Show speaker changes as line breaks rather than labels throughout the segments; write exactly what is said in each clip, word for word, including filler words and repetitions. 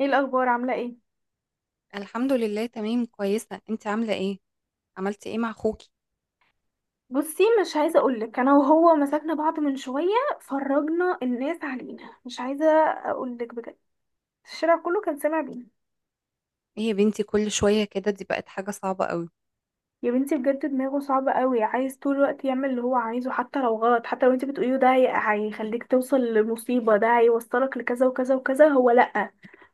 ايه الاخبار؟ عامله ايه؟
الحمد لله، تمام، كويسة. انت عاملة ايه؟ عملتي ايه مع اخوكي؟
بصي، مش عايزه اقولك، انا وهو مسكنا بعض من شويه. فرجنا الناس علينا، مش عايزه اقولك بجد. الشارع كله كان سامع بينا.
ايه يا بنتي، كل شوية كده؟ دي بقت حاجة صعبة قوي.
يا بنتي بجد دماغه صعبه قوي، عايز طول الوقت يعمل اللي هو عايزه، حتى لو غلط، حتى لو انت بتقوليه ده هي- هيخليك توصل لمصيبه، ده هيوصلك لكذا وكذا وكذا، هو لا،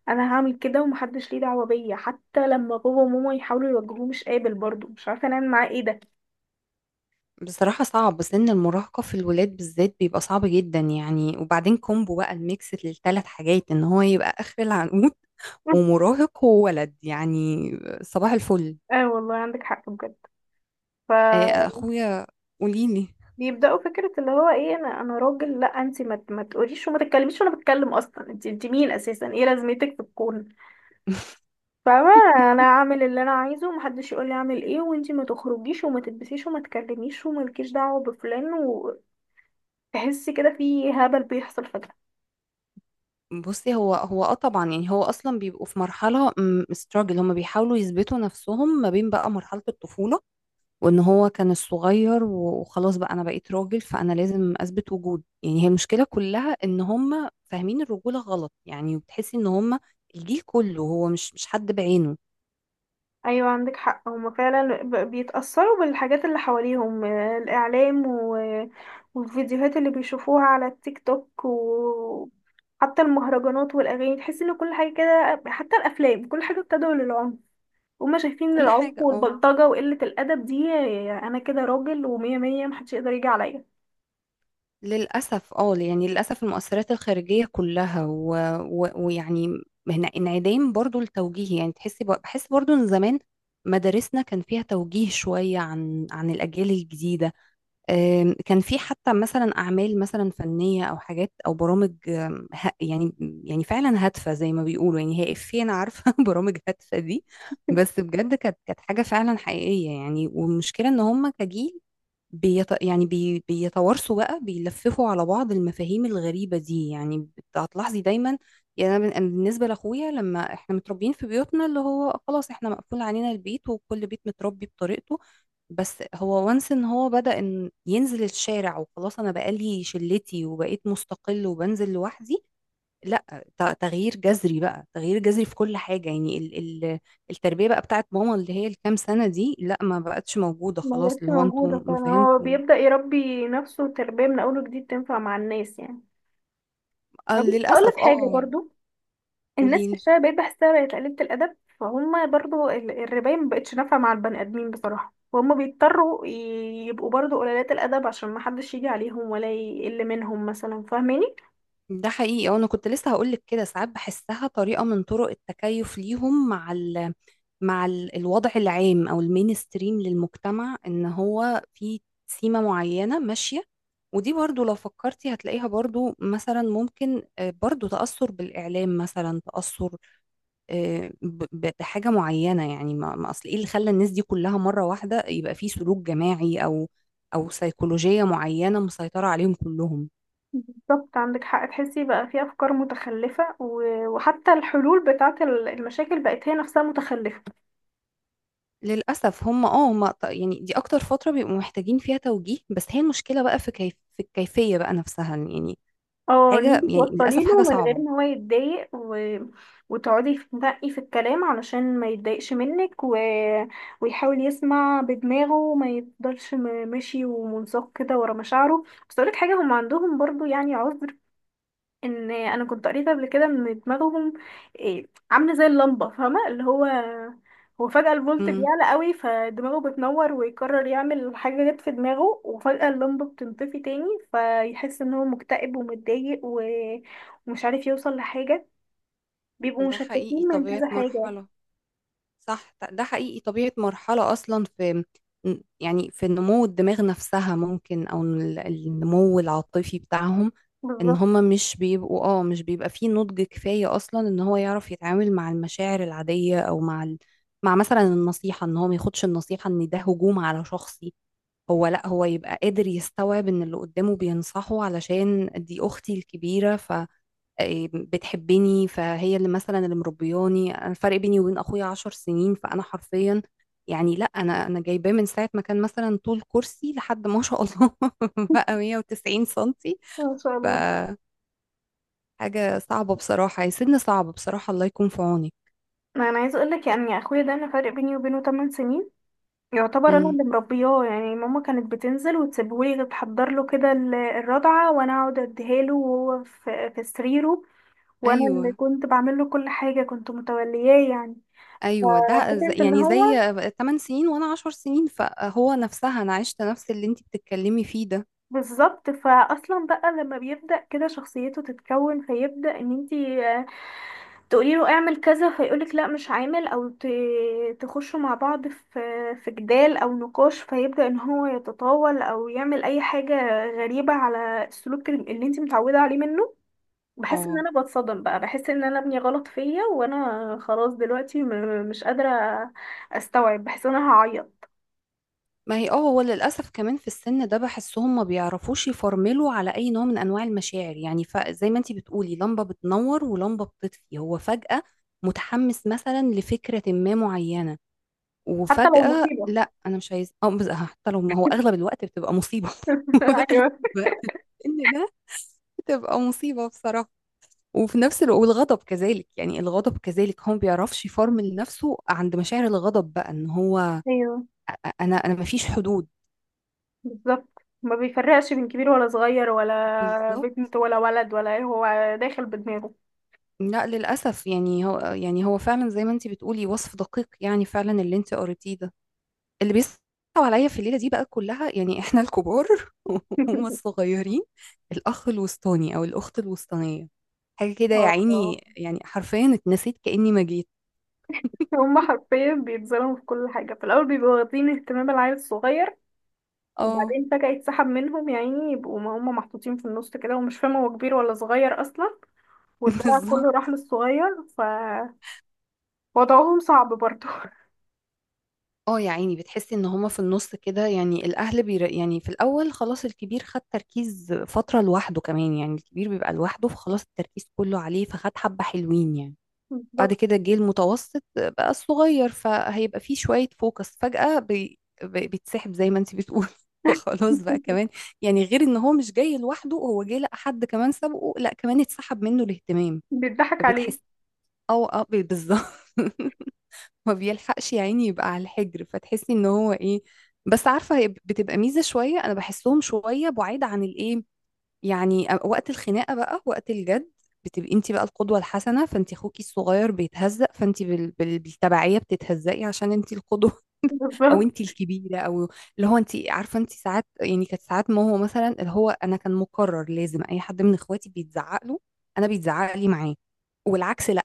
انا هعمل كده ومحدش ليه دعوه بيا. حتى لما بابا وماما يحاولوا يوجهوه مش قابل برضه، مش عارفه نعمل معاه ايه ده.
بصراحة صعب، سن المراهقة في الولاد بالذات بيبقى صعب جدا يعني. وبعدين كومبو بقى، الميكس للثلاث حاجات، ان هو يبقى اخر العنقود ومراهق وولد يعني. صباح الفل.
اه والله عندك حق بجد. ف
ايه اخويا؟ قوليلي.
بيبداوا فكره اللي هو ايه، انا انا راجل، لا انت ما ما تقوليش وما تتكلميش، وانا بتكلم اصلا، انت انت مين اساسا؟ ايه لازمتك في الكون؟ فاهمه. انا اعمل اللي انا عايزه ومحدش يقول لي اعمل ايه، وانت ما تخرجيش وما تلبسيش وما تكلميش ومالكيش دعوه بفلان. وتحسي كده في هبل بيحصل فجاه.
بصي، هو هو اه طبعا يعني، هو اصلا بيبقوا في مرحله ستراجل، هما بيحاولوا يثبتوا نفسهم ما بين بقى مرحله الطفوله وان هو كان الصغير و- وخلاص بقى انا بقيت راجل، فانا لازم اثبت وجود يعني. هي المشكله كلها ان هم فاهمين الرجوله غلط يعني، وبتحسي ان هم الجيل كله، هو مش مش حد بعينه.
ايوه عندك حق، هما فعلا ب- بيتأثروا بالحاجات اللي حواليهم، آه، الاعلام و... والفيديوهات اللي بيشوفوها على التيك توك، وحتى المهرجانات والاغاني، تحس ان كل حاجه كده، حتى الافلام كل حاجه بتدعو للعنف. هما شايفين ان
كل
العنف
حاجه، اه
والبلطجه وقله الادب دي، آه، انا كده راجل ومية مية، محدش يقدر يجي عليا.
للاسف. اه يعني للاسف المؤثرات الخارجيه كلها و... و... ويعني هنا انعدام برضو التوجيه يعني. تحسي ب... بحس برضو ان زمان مدارسنا كان فيها توجيه شويه عن عن الاجيال الجديده. آم، كان في حتى مثلا أعمال مثلا فنية أو حاجات أو برامج، آم، ه- يعني يعني فعلا هادفة زي ما بيقولوا يعني. هي إفيه أنا عارفة، برامج هادفة دي. بس بجد كانت كانت حاجة فعلا حقيقية يعني. والمشكلة إن هم كجيل بيت يعني بي بيتوارثوا بقى، بيلففوا على بعض المفاهيم الغريبة دي يعني. بت- هتلاحظي دايما. يعني أنا بن- أنا بالنسبة لأخويا، لما إحنا متربيين في بيوتنا، اللي هو خلاص إحنا مقفول علينا البيت، وكل بيت متربي بطريقته. بس هو وانس ان هو بدأ ان ينزل الشارع، وخلاص انا بقالي شلتي وبقيت مستقل وبنزل لوحدي. لا، ت- تغيير جذري بقى، تغيير جذري في كل حاجة يعني. ال ال التربية بقى بتاعت ماما اللي هي الكام سنة دي، لا، ما بقتش موجودة.
ما
خلاص،
هيش
اللي هو انتوا
موجوده فعلا، هو
مفاهيمكم.
بيبدأ يربي نفسه تربيه من اول وجديد تنفع مع الناس يعني.
آه،
بس هقول
للأسف،
لك حاجه
اه.
برضو. الناس في
قوليلي.
الشارع بقيت بحسها بقت قليلة الأدب، فهم برضو ال- الرباية مبقتش نافعة مع البني آدمين بصراحة، وهم بيضطروا ي- يبقوا برضو قليلات الأدب عشان محدش يجي عليهم ولا يقل منهم مثلا، فاهماني؟
ده حقيقي، وانا كنت لسه هقولك كده. ساعات بحسها طريقة من طرق التكيف ليهم مع ال مع ال- الوضع العام او المينستريم للمجتمع، ان هو في سيمة معينة ماشية. ودي برضو لو فكرتي هتلاقيها برضو، مثلا ممكن، آه، برضو تأثر بالإعلام مثلا، تأثر آه، ب- ب- بحاجة معينة يعني. ما ما أصل إيه اللي خلى الناس دي كلها مرة واحدة يبقى في سلوك جماعي أو أو سيكولوجية معينة مسيطرة عليهم كلهم.
بالظبط عندك حق، تحسي بقى في أفكار متخلفة، و- وحتى الحلول بتاعة ال- المشاكل بقت هي نفسها متخلفة.
للأسف هم اه هم ط- يعني دي أكتر فترة بيبقوا محتاجين فيها توجيه. بس هي المشكلة بقى في كيف، في الكيفية بقى نفسها يعني.
اه، ان
حاجة
انت
يعني،
توصلي
للأسف
له
حاجة
من غير
صعبة.
ان هو يتضايق، و... وتقعدي تنقي في الكلام علشان ما يتضايقش منك، و... ويحاول يسمع بدماغه وما يفضلش م- ماشي ومنساق كده ورا مشاعره. بس اقولك حاجه، هم عندهم برضو يعني عذر. ان انا كنت قريت قبل كده ان دماغهم إيه، عامله زي اللمبه، فاهمه اللي هو، هو فجاه الفولت
امم
بيعلى قوي فدماغه بتنور، ويقرر يعمل حاجه جت في دماغه، وفجاه اللمبه بتنطفي تاني. فيحس ان هو مكتئب ومتضايق، و... ومش عارف يوصل لحاجه. بيبقوا
ده
مشتتين
حقيقي،
من
طبيعة
كذا حاجه.
مرحلة. صح، ده حقيقي طبيعة مرحلة أصلا في، يعني في نمو الدماغ نفسها ممكن، أو ال- النمو العاطفي بتاعهم. إن
بالظبط.
هما مش بيبقوا اه مش بيبقى فيه نضج كفاية أصلا، إن هو يعرف يتعامل مع المشاعر العادية، أو مع ال... مع مثلا النصيحة، إن هو ما ياخدش النصيحة، إن ده هجوم على شخصي. هو لأ، هو يبقى قادر يستوعب إن اللي قدامه بينصحه، علشان دي أختي الكبيرة، إيه، بتحبني، فهي اللي مثلا اللي مربياني. انا الفرق بيني وبين اخويا عشر سنين، فانا حرفيا يعني لا، انا انا جايباه من ساعه ما كان مثلا طول كرسي لحد ما شاء الله، بقى مية وتسعين سنتي.
ما شاء الله.
فحاجه صعبه بصراحه، يا سن صعب بصراحه. الله يكون في عونك.
ما انا عايزه اقول لك، يعني اخويا ده انا فرق بيني وبينه 8 سنين. يعتبر انا
امم
اللي مربياه يعني، ماما كانت بتنزل وتسيبهولي، تحضر له كده ال- الرضعه وانا اقعد اديها له، وهو في في سريره. وانا
ايوه،
اللي كنت بعمل له كل حاجه، كنت متولياه يعني.
ايوه. ده ز-
ففكره ان
يعني زي
هو،
تمانية سنين وانا عشرة سنين، فهو نفسها انا عشت نفس اللي انت بتتكلمي فيه ده.
بالظبط، فاصلا بقى لما بيبدا كده شخصيته تتكون، فيبدا ان انتي تقولي له اعمل كذا فيقولك لا مش عامل، او ت- تخشوا مع بعض في في جدال او نقاش، فيبدأ ان هو يتطاول او يعمل اي حاجة غريبة على السلوك اللي انت متعودة عليه منه. بحس ان
اه،
انا بتصدم بقى، بحس ان انا ابني غلط فيا، وانا خلاص دلوقتي م- مش قادرة استوعب، بحس ان انا هعيط.
ما هي اه هو للأسف كمان في السن ده بحسهم ما بيعرفوش يفرملوا على أي نوع من أنواع المشاعر يعني. فزي ما انتي بتقولي لمبة بتنور ولمبة بتطفي، هو فجأة متحمس مثلا لفكرة ما معينة،
حتى لو
وفجأة
مصيبة.
لا أنا مش عايز، أو بز- حتى لو، ما هو أغلب الوقت بتبقى مصيبة. وأغلب
ايوه.
الوقت إن ده بتبقى مصيبة بصراحة. وفي نفس الوقت، والغضب كذلك يعني. الغضب كذلك، هو ما بيعرفش يفرمل نفسه عند مشاعر الغضب، بقى ان هو
ايوه
أ- انا انا ما فيش حدود.
بالظبط، ما بيفرقش بين كبير ولا صغير ولا
بالظبط.
بنت ولا ولد ولا ايه، هو داخل بدماغه.
لا، للأسف يعني. هو يعني هو فعلا زي ما انتي بتقولي، وصف دقيق يعني، فعلا اللي انتي قريتيه ده. اللي بيصعب عليا في الليلة دي بقى كلها، يعني احنا الكبار وهم الصغيرين. الأخ الوسطاني أو الأخت الوسطانية، حاجة كده يا
اه،
عيني، يعني حرفيا اتنسيت كأني ما جيت.
هما حرفيا بيتظلموا في كل حاجة، في الأول بيبقوا واخدين اهتمام العيل الصغير،
اه.
وبعدين فجأة يتسحب منهم، يا عيني يبقوا ما هما محطوطين في النص كده ومش فاهمة هو كبير ولا صغير أصلا، والدلع
بالظبط.
كله راح للصغير، فوضعهم صعب برضه.
اه يا عيني، بتحسي ان هما في النص كده يعني. الأهل بير يعني، في الأول خلاص الكبير خد تركيز فترة لوحده، كمان يعني الكبير بيبقى لوحده، فخلاص التركيز كله عليه فخد حبة حلوين يعني. بعد
بالظبط.
كده جه المتوسط بقى الصغير، فهيبقى فيه شوية فوكس فجأة بي... بي- بيتسحب زي ما انت بتقول. فخلاص بقى كمان يعني، غير ان هو مش جاي لوحده، هو جه لقى حد كمان سبقه، لا كمان اتسحب منه الاهتمام.
بيضحك عليه.
فبتحس او اه ب- بالظبط. ما بيلحقش يا عيني، يبقى على الحجر، فتحسي ان هو ايه. بس عارفة، هي بتبقى ميزة شوية، انا بحسهم شوية بعيد عن الايه، يعني آه، وقت الخناقه بقى، وقت الجد. بتبقي انت بقى القدوه الحسنه، فانت اخوكي الصغير بيتهزق، فانت بال... بال... بالتبعيه بتتهزقي عشان انت القدوه. او
بالظبط.
انت الكبيره، او اللي هو انت عارفه. انت ساعات يعني، كانت ساعات، ما هو مثلا اللي هو، انا كان مقرر لازم اي حد من اخواتي بيتزعق له، انا بيتزعق لي معاه، والعكس لا.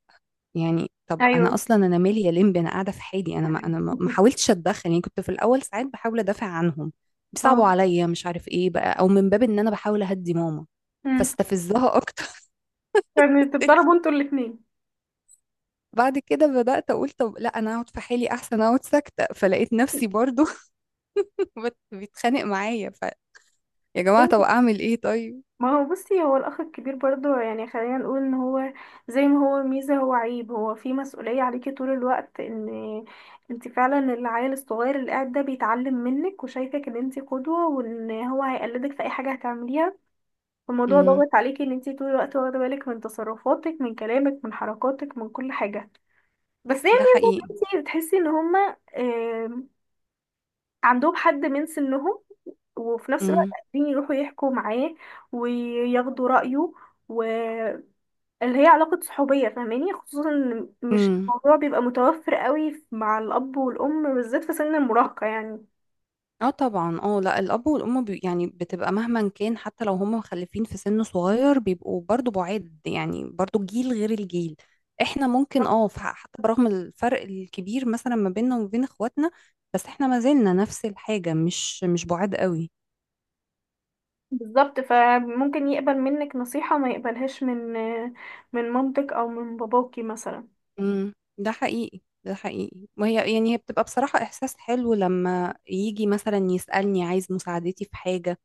يعني طب انا
أيوه.
اصلا انا مالي يا لمبي، انا قاعده في حالي، انا ما انا ما ما حاولتش اتدخل. يعني كنت في الاول ساعات بحاول ادافع عنهم، بيصعبوا
اه.
عليا مش عارف ايه بقى، او من باب ان انا بحاول اهدي ماما
امم.
فاستفزها اكتر.
فبتتضربوا انتوا الاتنين.
بعد كده بدات اقول طب لا، انا اقعد في حالي احسن، اقعد ساكته، فلقيت نفسي برضو بت- بيتخانق معايا. ف يا جماعه، طب اعمل ايه طيب؟
ما هو بصي، هو الأخ الكبير برضه يعني، خلينا نقول إن هو زي ما هو ميزة هو عيب، هو في مسؤولية عليكي طول الوقت، إن انت فعلا العيل الصغير اللي قاعد ده بيتعلم منك وشايفك إن انت قدوة، وإن هو هيقلدك في أي حاجة هتعمليها. الموضوع
امم
ضاغط عليكي إن انت طول الوقت واخدة بالك من تصرفاتك، من كلامك، من حركاتك، من كل حاجة. بس هي
ده
ميزة
حقيقي.
إن انت بتحسي إن هما آه، عندهم حد من سنهم، وفي نفس الوقت
امم.
قادرين يروحوا يحكوا معاه وياخدوا رأيه، واللي هي علاقة صحوبية، فاهماني؟ خصوصا إن مش
إمم.
الموضوع بيبقى متوفر قوي مع الأب والأم بالذات في سن المراهقة يعني.
اه طبعا، اه لا، الاب والام بي يعني بتبقى مهما كان. حتى لو هم مخلفين في سن صغير، بيبقوا برضو بعاد يعني، برضو جيل غير الجيل احنا ممكن اه. ف- حتى برغم الفرق الكبير، مثلا ما بيننا وما بين اخواتنا، بس احنا ما زلنا نفس الحاجة، مش مش بعاد قوي.
بالظبط، فممكن يقبل منك نصيحة ما يقبلهاش من من مامتك أو من باباكي مثلا.
امم ده حقيقي، ده حقيقي. وهي يعني هي بتبقى بصراحة احساس حلو لما يجي مثلا يسألني عايز مساعدتي في حاجة،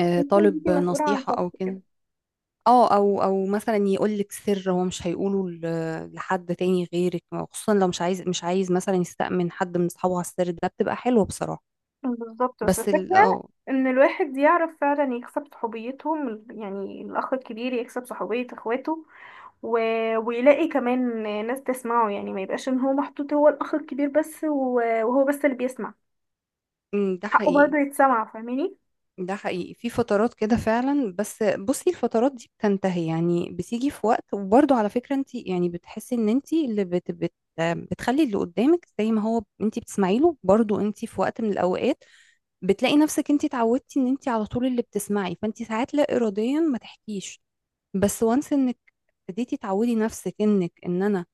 آه،
ممكن انتي
طالب
مسؤولة عن
نصيحة او
شخص
كده.
كده.
اه، او او مثلا يقول لك سر هو مش هيقوله ل- لحد تاني غيرك، خصوصا لو مش عايز مش عايز مثلا يستأمن حد من اصحابه على السر ده، بتبقى حلوة بصراحة.
بالظبط، بس
بس، ال
الفكرة
اه
ان الواحد يعرف فعلا يكسب صحوبيتهم، يعني الاخ الكبير يكسب صحوبية اخواته، و... ويلاقي كمان ناس تسمعه يعني، ما يبقاش ان هو محطوط هو الاخ الكبير بس و... وهو بس اللي بيسمع،
أمم، ده
حقه
حقيقي،
برضه يتسمع، فاهماني؟
ده حقيقي، في فترات كده فعلا. بس بصي، الفترات دي بتنتهي يعني، بتيجي في وقت. وبرضه على فكرة انت يعني بتحسي ان انت اللي بت بت بتخلي اللي قدامك، زي ما هو انت بتسمعي له برضه، انت في وقت من الاوقات بتلاقي نفسك انت اتعودتي ان انت على طول اللي بتسمعي، فانت ساعات لا اراديا ما تحكيش. بس وانس انك ابتديتي تعودي نفسك انك، ان انا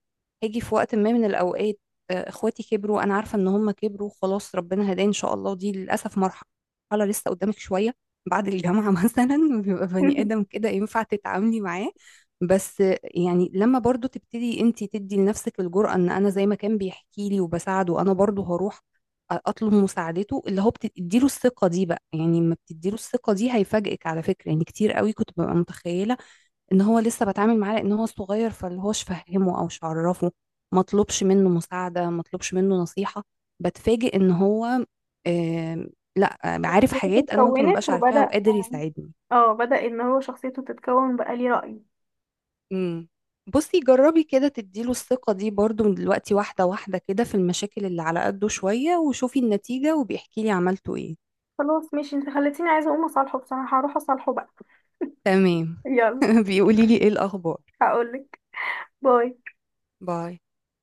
هاجي في وقت ما من الاوقات. آه، اخواتي كبروا، انا عارفه ان هم كبروا. خلاص ربنا هداه ان شاء الله، دي للاسف مرحله لسه قدامك شويه. بعد الجامعه مثلا بيبقى بني ادم كده ينفع تتعاملي معاه. بس آه، يعني لما برضو تبتدي انت تدي لنفسك الجرأة ان انا زي ما كان بيحكي لي وبساعده، انا برضو هروح اطلب مساعدته، اللي هو بتديله الثقة دي بقى يعني. لما بتديله الثقة دي، هيفاجئك على فكرة يعني. كتير قوي كنت ببقى متخيلة ان هو لسه بتعامل معاه لان هو صغير، فاللي هوش فهمه او مش عرفه ما طلبش منه مساعده، ما طلبش منه نصيحه. بتفاجئ ان هو، آم، لا، عارف
شخصيته
حاجات انا ممكن
اتكونت
مبقاش عارفاها
وبدأ.
وقادر يساعدني.
اه بدأ ان هو شخصيته تتكون بقى ليه رأي.
امم. بصي، جربي كده تديله الثقه دي برضو من دلوقتي، واحده واحده كده، في المشاكل اللي على قده شويه، وشوفي النتيجه وبيحكي لي عملتوا ايه.
خلاص ماشي، انت خلتيني عايزة اقوم اصالحه بصراحة، هروح اصالحه بقى.
تمام.
يلا.
بيقولي لي ايه الاخبار؟
هقولك. باي.
باي.